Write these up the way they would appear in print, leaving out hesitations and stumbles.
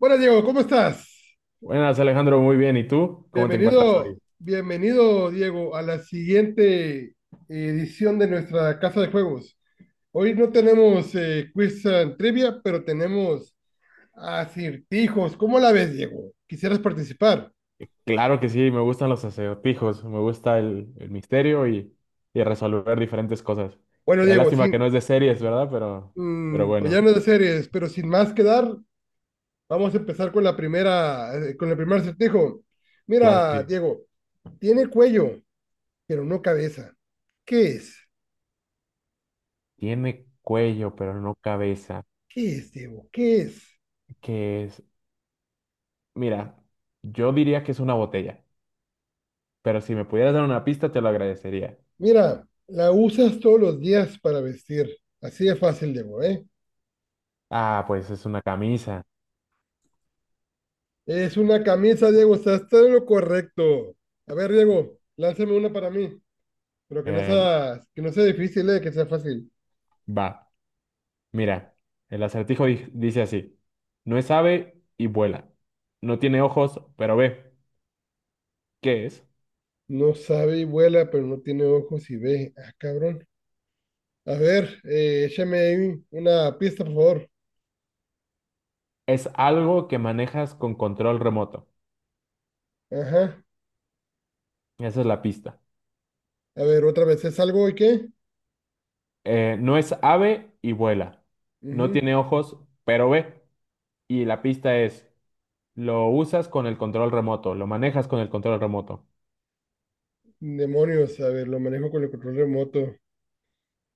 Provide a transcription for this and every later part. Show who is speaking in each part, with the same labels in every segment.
Speaker 1: Buenas, Diego, ¿cómo estás?
Speaker 2: Buenas, Alejandro, muy bien. ¿Y tú? ¿Cómo te encuentras
Speaker 1: Bienvenido,
Speaker 2: hoy?
Speaker 1: bienvenido, Diego, a la siguiente edición de nuestra Casa de Juegos. Hoy no tenemos quiz and trivia, pero tenemos acertijos. ¿Cómo la ves, Diego? ¿Quisieras participar?
Speaker 2: Claro que sí, me gustan los acertijos, me gusta el misterio y resolver diferentes cosas.
Speaker 1: Bueno,
Speaker 2: Eh,
Speaker 1: Diego,
Speaker 2: Lástima que
Speaker 1: sin,
Speaker 2: no es de series, ¿verdad? Pero
Speaker 1: mm, pues ya
Speaker 2: bueno,
Speaker 1: no es de series, pero sin más que dar, vamos a empezar con la primera, con el primer acertijo.
Speaker 2: claro que
Speaker 1: Mira,
Speaker 2: sí.
Speaker 1: Diego, tiene cuello, pero no cabeza. ¿Qué es?
Speaker 2: Tiene cuello, pero no cabeza.
Speaker 1: ¿Qué es, Diego? ¿Qué es?
Speaker 2: ¿Qué es? Mira, yo diría que es una botella, pero si me pudieras dar una pista, te lo agradecería.
Speaker 1: Mira, la usas todos los días para vestir. Así de fácil, Diego, ¿eh?
Speaker 2: Ah, pues es una camisa.
Speaker 1: Es una camisa, Diego, estás todo lo correcto. A ver, Diego, lánzame una para mí, pero
Speaker 2: Eh,
Speaker 1: que no sea difícil, ¿eh? Que sea fácil.
Speaker 2: va. Mira, el acertijo dice así, no es ave y vuela, no tiene ojos, pero ve, ¿qué es?
Speaker 1: No sabe y vuela, pero no tiene ojos y ve. Ah, cabrón. A ver, échame ahí una pista, por favor.
Speaker 2: Es algo que manejas con control remoto,
Speaker 1: Ajá.
Speaker 2: esa es la pista.
Speaker 1: A ver, otra vez, ¿es algo y qué?
Speaker 2: No es ave y vuela, no
Speaker 1: Ujú.
Speaker 2: tiene ojos, pero ve, y la pista es, lo usas con el control remoto, lo manejas con el control remoto.
Speaker 1: Demonios, a ver, lo manejo con el control remoto.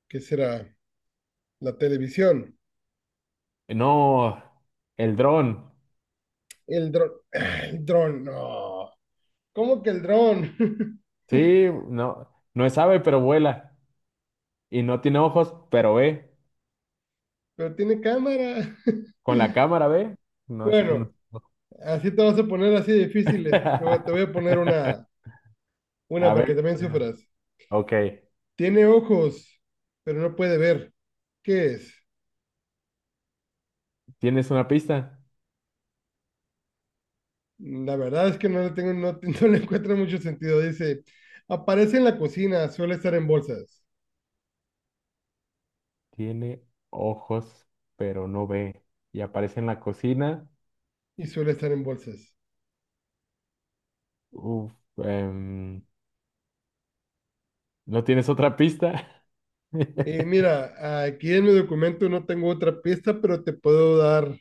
Speaker 1: ¿Qué será? La televisión.
Speaker 2: No, el dron,
Speaker 1: El dron. El dron, no. ¿Cómo que el dron?
Speaker 2: sí, no, no es ave, pero vuela, y no tiene ojos, pero ve,
Speaker 1: Pero tiene cámara.
Speaker 2: con la cámara ve, no es...
Speaker 1: Bueno, así te vas a poner así difíciles. Te voy a poner una
Speaker 2: A
Speaker 1: para que
Speaker 2: ver,
Speaker 1: también
Speaker 2: espera.
Speaker 1: sufras.
Speaker 2: Ok.
Speaker 1: Tiene ojos, pero no puede ver. ¿Qué es?
Speaker 2: ¿Tienes una pista?
Speaker 1: La verdad es que no le tengo, no, no le encuentro mucho sentido. Dice, aparece en la cocina, suele estar en bolsas.
Speaker 2: Tiene ojos, pero no ve. Y aparece en la cocina.
Speaker 1: Y suele estar en bolsas.
Speaker 2: Uf, em, ¿no tienes otra pista?
Speaker 1: Mira, aquí en mi documento no tengo otra pista, pero te puedo dar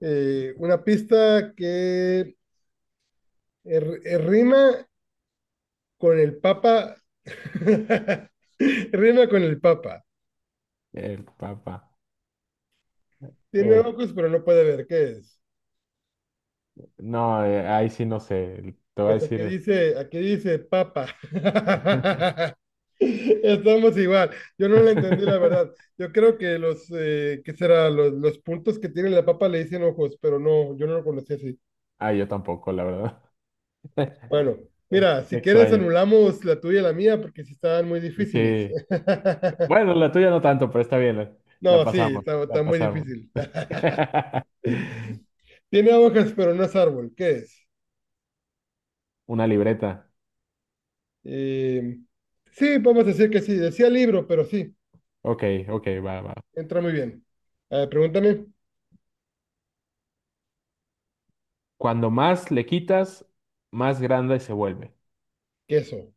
Speaker 1: Una pista que rima con el Papa. Rima con el Papa.
Speaker 2: El papá.
Speaker 1: Tiene
Speaker 2: Eh,
Speaker 1: ojos, pero no puede ver. ¿Qué es?
Speaker 2: no, ahí sí no sé. Te voy a
Speaker 1: Pues
Speaker 2: decir.
Speaker 1: aquí dice Papa. Estamos igual. Yo no la entendí, la verdad. Yo creo que los, ¿qué será? Los puntos que tiene la papa le dicen ojos, pero no, yo no lo conocí así.
Speaker 2: Ah, yo tampoco, la verdad.
Speaker 1: Bueno,
Speaker 2: Eh,
Speaker 1: mira,
Speaker 2: Qué
Speaker 1: si quieres
Speaker 2: extraño.
Speaker 1: anulamos la tuya y la mía porque sí estaban muy difíciles.
Speaker 2: Sí. Bueno, la tuya no tanto, pero está bien. La
Speaker 1: No, sí,
Speaker 2: pasamos,
Speaker 1: está,
Speaker 2: la
Speaker 1: está muy
Speaker 2: pasamos.
Speaker 1: difícil. Tiene hojas, pero no es árbol. ¿Qué es?
Speaker 2: Una libreta.
Speaker 1: Eh, sí, vamos a decir que sí. Decía libro, pero sí,
Speaker 2: Ok, ok, va, va.
Speaker 1: entra muy bien. A ver, pregúntame,
Speaker 2: Cuando más le quitas, más grande se vuelve.
Speaker 1: queso.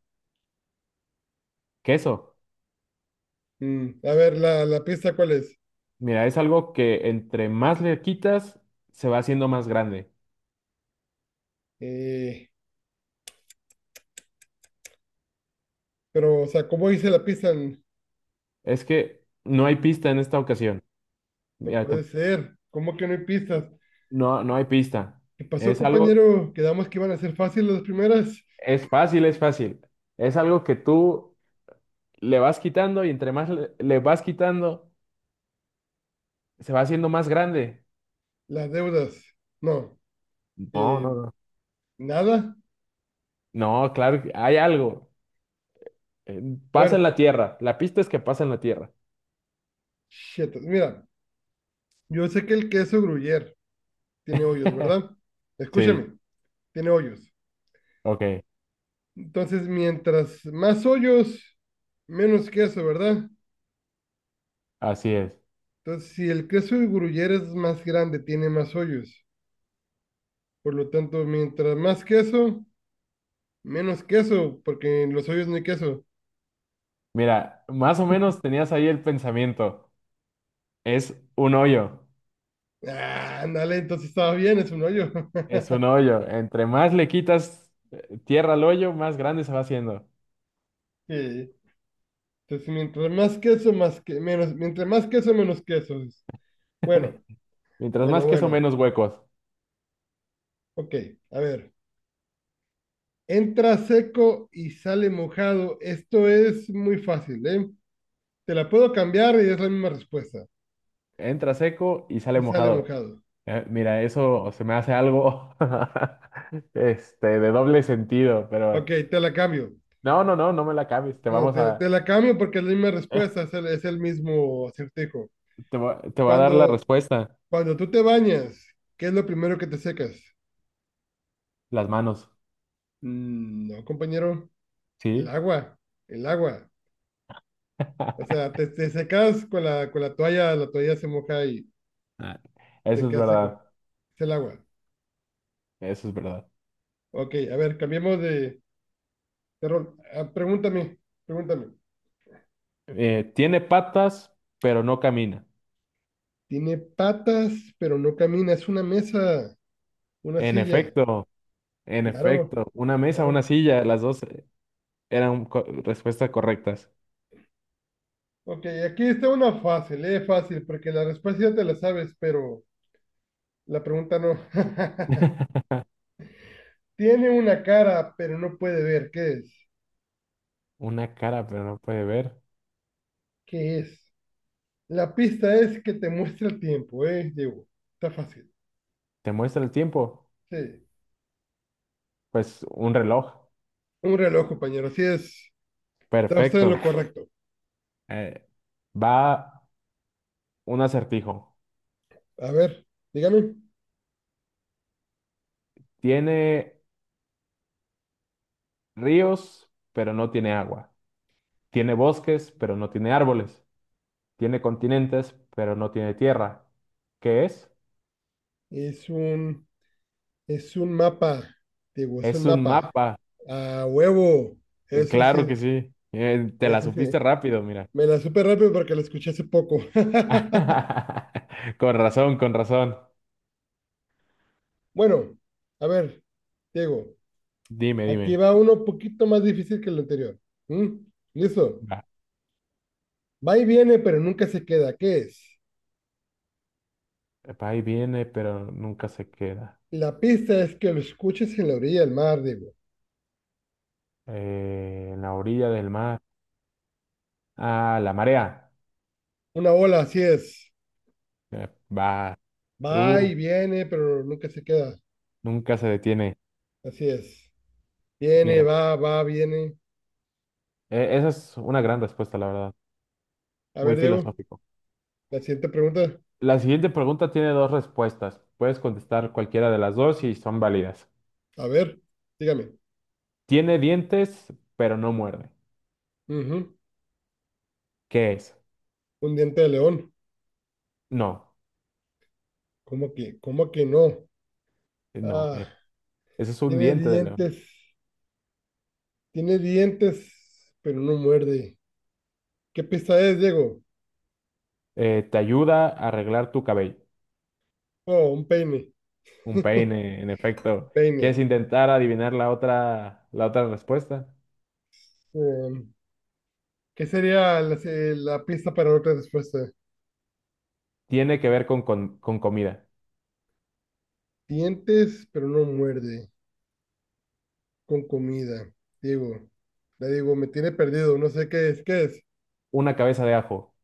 Speaker 2: Queso.
Speaker 1: Mm, a ver, la pista, ¿cuál es?
Speaker 2: Mira, es algo que entre más le quitas, se va haciendo más grande.
Speaker 1: Eh, pero, o sea, ¿cómo hice la pista?
Speaker 2: Es que no hay pista en esta ocasión.
Speaker 1: No
Speaker 2: Mira,
Speaker 1: puede ser. ¿Cómo que no hay pistas?
Speaker 2: no, no hay pista.
Speaker 1: ¿Qué pasó,
Speaker 2: Es algo,
Speaker 1: compañero? Quedamos que iban a ser fáciles las primeras.
Speaker 2: es fácil, es fácil. Es algo que tú le vas quitando y entre más le vas quitando, se va haciendo más grande.
Speaker 1: Las deudas. No.
Speaker 2: No,
Speaker 1: Eh,
Speaker 2: no, no.
Speaker 1: nada.
Speaker 2: No, claro, que hay algo. Eh, Pasa
Speaker 1: Bueno,
Speaker 2: en la tierra. La pista es que pasa en la tierra.
Speaker 1: shit. Mira, yo sé que el queso gruyere tiene hoyos, ¿verdad?
Speaker 2: Sí,
Speaker 1: Escúchame, tiene hoyos.
Speaker 2: ok,
Speaker 1: Entonces, mientras más hoyos, menos queso, ¿verdad?
Speaker 2: así es.
Speaker 1: Entonces, si el queso de gruyere es más grande, tiene más hoyos. Por lo tanto, mientras más queso, menos queso, porque en los hoyos no hay queso.
Speaker 2: Mira, más o menos tenías ahí el pensamiento. Es un hoyo,
Speaker 1: Ah, ándale, entonces estaba bien, es un hoyo.
Speaker 2: es un hoyo. Entre más le quitas tierra al hoyo, más grande se va haciendo.
Speaker 1: Sí. Entonces, mientras más queso, más que menos, mientras más queso, menos queso. Bueno,
Speaker 2: Mientras más
Speaker 1: bueno,
Speaker 2: queso,
Speaker 1: bueno.
Speaker 2: menos huecos.
Speaker 1: Ok, a ver. Entra seco y sale mojado. Esto es muy fácil, ¿eh? Te la puedo cambiar y es la misma respuesta.
Speaker 2: Entra seco y sale
Speaker 1: Y sale
Speaker 2: mojado.
Speaker 1: mojado.
Speaker 2: Mira, eso se me hace algo este, de doble sentido,
Speaker 1: Ok,
Speaker 2: pero
Speaker 1: te la cambio.
Speaker 2: no, no, no, no me la cambies. Te
Speaker 1: No,
Speaker 2: vamos
Speaker 1: te
Speaker 2: a,
Speaker 1: la cambio porque es la misma respuesta, es el mismo acertijo.
Speaker 2: te voy a dar la
Speaker 1: Cuando,
Speaker 2: respuesta.
Speaker 1: cuando tú te bañas, ¿qué es lo primero que te secas?
Speaker 2: Las manos,
Speaker 1: Mm, no, compañero, el
Speaker 2: ¿sí?
Speaker 1: agua, el agua. O sea, te secas con con la toalla se moja y
Speaker 2: Ah,
Speaker 1: te
Speaker 2: eso es
Speaker 1: quedas seco. Es
Speaker 2: verdad.
Speaker 1: el agua.
Speaker 2: Eso es verdad.
Speaker 1: Ok, a ver, cambiemos de, Carol, ah, pregúntame, pregúntame.
Speaker 2: Tiene patas, pero no camina.
Speaker 1: Tiene patas, pero no camina. Es una mesa, una
Speaker 2: En
Speaker 1: silla.
Speaker 2: efecto, en
Speaker 1: Claro,
Speaker 2: efecto. Una mesa, una
Speaker 1: claro.
Speaker 2: silla, las dos eran respuestas correctas.
Speaker 1: Ok, aquí está una fácil, fácil, porque la respuesta ya te la sabes, pero la pregunta no. Tiene una cara, pero no puede ver. ¿Qué es?
Speaker 2: Una cara, pero no puede ver.
Speaker 1: ¿Qué es? La pista es que te muestra el tiempo, Diego. Está fácil.
Speaker 2: ¿Te muestra el tiempo?
Speaker 1: Sí.
Speaker 2: Pues un reloj.
Speaker 1: Un reloj, compañero. Así es. Está usted en lo
Speaker 2: Perfecto.
Speaker 1: correcto.
Speaker 2: Eh, va un acertijo.
Speaker 1: A ver, dígame.
Speaker 2: Tiene ríos, pero no tiene agua. Tiene bosques, pero no tiene árboles. Tiene continentes, pero no tiene tierra. ¿Qué es?
Speaker 1: Es un. Es un mapa, digo, es un
Speaker 2: Es un
Speaker 1: mapa.
Speaker 2: mapa.
Speaker 1: A huevo.
Speaker 2: Eh,
Speaker 1: Eso sí,
Speaker 2: Claro que sí. Te la
Speaker 1: eso
Speaker 2: supiste
Speaker 1: sí.
Speaker 2: rápido, mira.
Speaker 1: Me la supe rápido porque la escuché hace poco.
Speaker 2: Con razón, con razón.
Speaker 1: Bueno, a ver, Diego,
Speaker 2: Dime,
Speaker 1: aquí
Speaker 2: dime.
Speaker 1: va uno un poquito más difícil que el anterior. ¿Mm? ¿Listo?
Speaker 2: Va.
Speaker 1: Va y viene, pero nunca se queda. ¿Qué es?
Speaker 2: Va y viene, pero nunca se queda.
Speaker 1: La pista es que lo escuches en la orilla del mar, Diego.
Speaker 2: En la orilla del mar. Ah, la marea.
Speaker 1: Una ola, así es.
Speaker 2: Eh, va.
Speaker 1: Va
Speaker 2: Uh,
Speaker 1: y viene, pero nunca se queda.
Speaker 2: nunca se detiene.
Speaker 1: Así es. Viene,
Speaker 2: Mira,
Speaker 1: va, va, viene.
Speaker 2: esa es una gran respuesta, la verdad.
Speaker 1: A
Speaker 2: Muy
Speaker 1: ver, Diego,
Speaker 2: filosófico.
Speaker 1: la siguiente pregunta.
Speaker 2: La siguiente pregunta tiene dos respuestas. Puedes contestar cualquiera de las dos y son válidas.
Speaker 1: A ver, dígame.
Speaker 2: Tiene dientes, pero no muerde.
Speaker 1: Ujú.
Speaker 2: ¿Qué es?
Speaker 1: Un diente de león.
Speaker 2: No,
Speaker 1: Cómo que no?
Speaker 2: no.
Speaker 1: Ah,
Speaker 2: Ese es un
Speaker 1: tiene
Speaker 2: diente de león.
Speaker 1: dientes, tiene dientes, pero no muerde. ¿Qué pista es, Diego?
Speaker 2: Te ayuda a arreglar tu cabello.
Speaker 1: Oh, un peine.
Speaker 2: Un peine, en
Speaker 1: Un
Speaker 2: efecto.
Speaker 1: peine.
Speaker 2: ¿Quieres intentar adivinar la otra respuesta?
Speaker 1: Em, ¿qué sería la pista para otra respuesta?
Speaker 2: Tiene que ver con comida.
Speaker 1: Dientes, pero no muerde. Con comida. Diego. La Diego, me tiene perdido. No sé qué es. ¿Qué es?
Speaker 2: Una cabeza de ajo.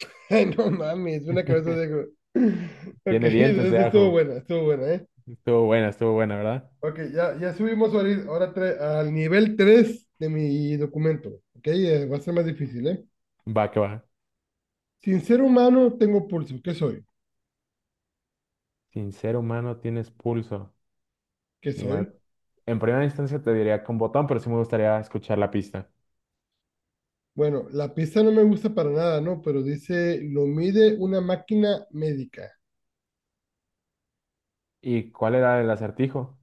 Speaker 1: Ay, no mames, una cabeza de Diego. Ok,
Speaker 2: Tiene dientes
Speaker 1: entonces
Speaker 2: de
Speaker 1: sí
Speaker 2: ajo.
Speaker 1: estuvo buena, ¿eh?
Speaker 2: Estuvo buena, ¿verdad?
Speaker 1: Ok, ya, ya ahora al nivel 3 de mi documento. Ok, va a ser más difícil, ¿eh?
Speaker 2: Va que va.
Speaker 1: Sin ser humano tengo pulso. ¿Qué soy?
Speaker 2: Sin ser humano tienes pulso.
Speaker 1: ¿Qué
Speaker 2: Mira,
Speaker 1: soy?
Speaker 2: en primera instancia te diría con botón, pero sí me gustaría escuchar la pista.
Speaker 1: Bueno, la pista no me gusta para nada, ¿no? Pero dice, lo mide una máquina médica.
Speaker 2: ¿Y cuál era el acertijo?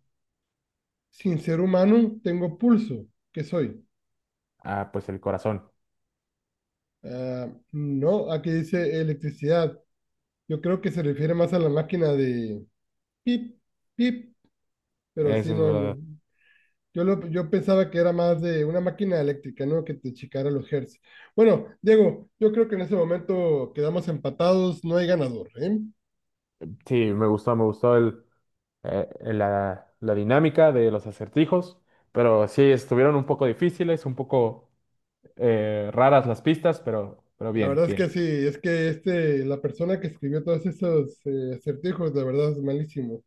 Speaker 1: Sin ser humano tengo pulso. ¿Qué soy?
Speaker 2: Ah, pues el corazón.
Speaker 1: Ah, no, aquí dice electricidad. Yo creo que se refiere más a la máquina de pip, pip, pero sí,
Speaker 2: Eso es
Speaker 1: no,
Speaker 2: verdad.
Speaker 1: no. Yo pensaba que era más de una máquina eléctrica, ¿no? Que te checara los hertz. Bueno, Diego, yo creo que en ese momento quedamos empatados, no hay ganador, ¿eh?
Speaker 2: Sí, me gustó el... la dinámica de los acertijos, pero sí estuvieron un poco difíciles, un poco raras las pistas, pero
Speaker 1: La
Speaker 2: bien,
Speaker 1: verdad es que
Speaker 2: bien.
Speaker 1: sí, es que este, la persona que escribió todos esos acertijos, de verdad es malísimo.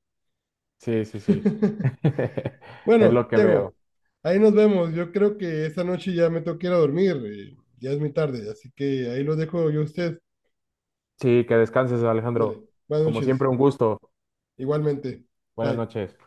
Speaker 2: Sí, sí, sí. Es
Speaker 1: Bueno,
Speaker 2: lo que
Speaker 1: Diego,
Speaker 2: veo.
Speaker 1: ahí nos vemos. Yo creo que esta noche ya me tengo que ir a dormir, ya es muy tarde, así que ahí lo dejo yo a usted.
Speaker 2: Sí, que descanses, Alejandro.
Speaker 1: Dale, buenas
Speaker 2: Como siempre,
Speaker 1: noches,
Speaker 2: un gusto.
Speaker 1: igualmente.
Speaker 2: Buenas
Speaker 1: Bye.
Speaker 2: noches.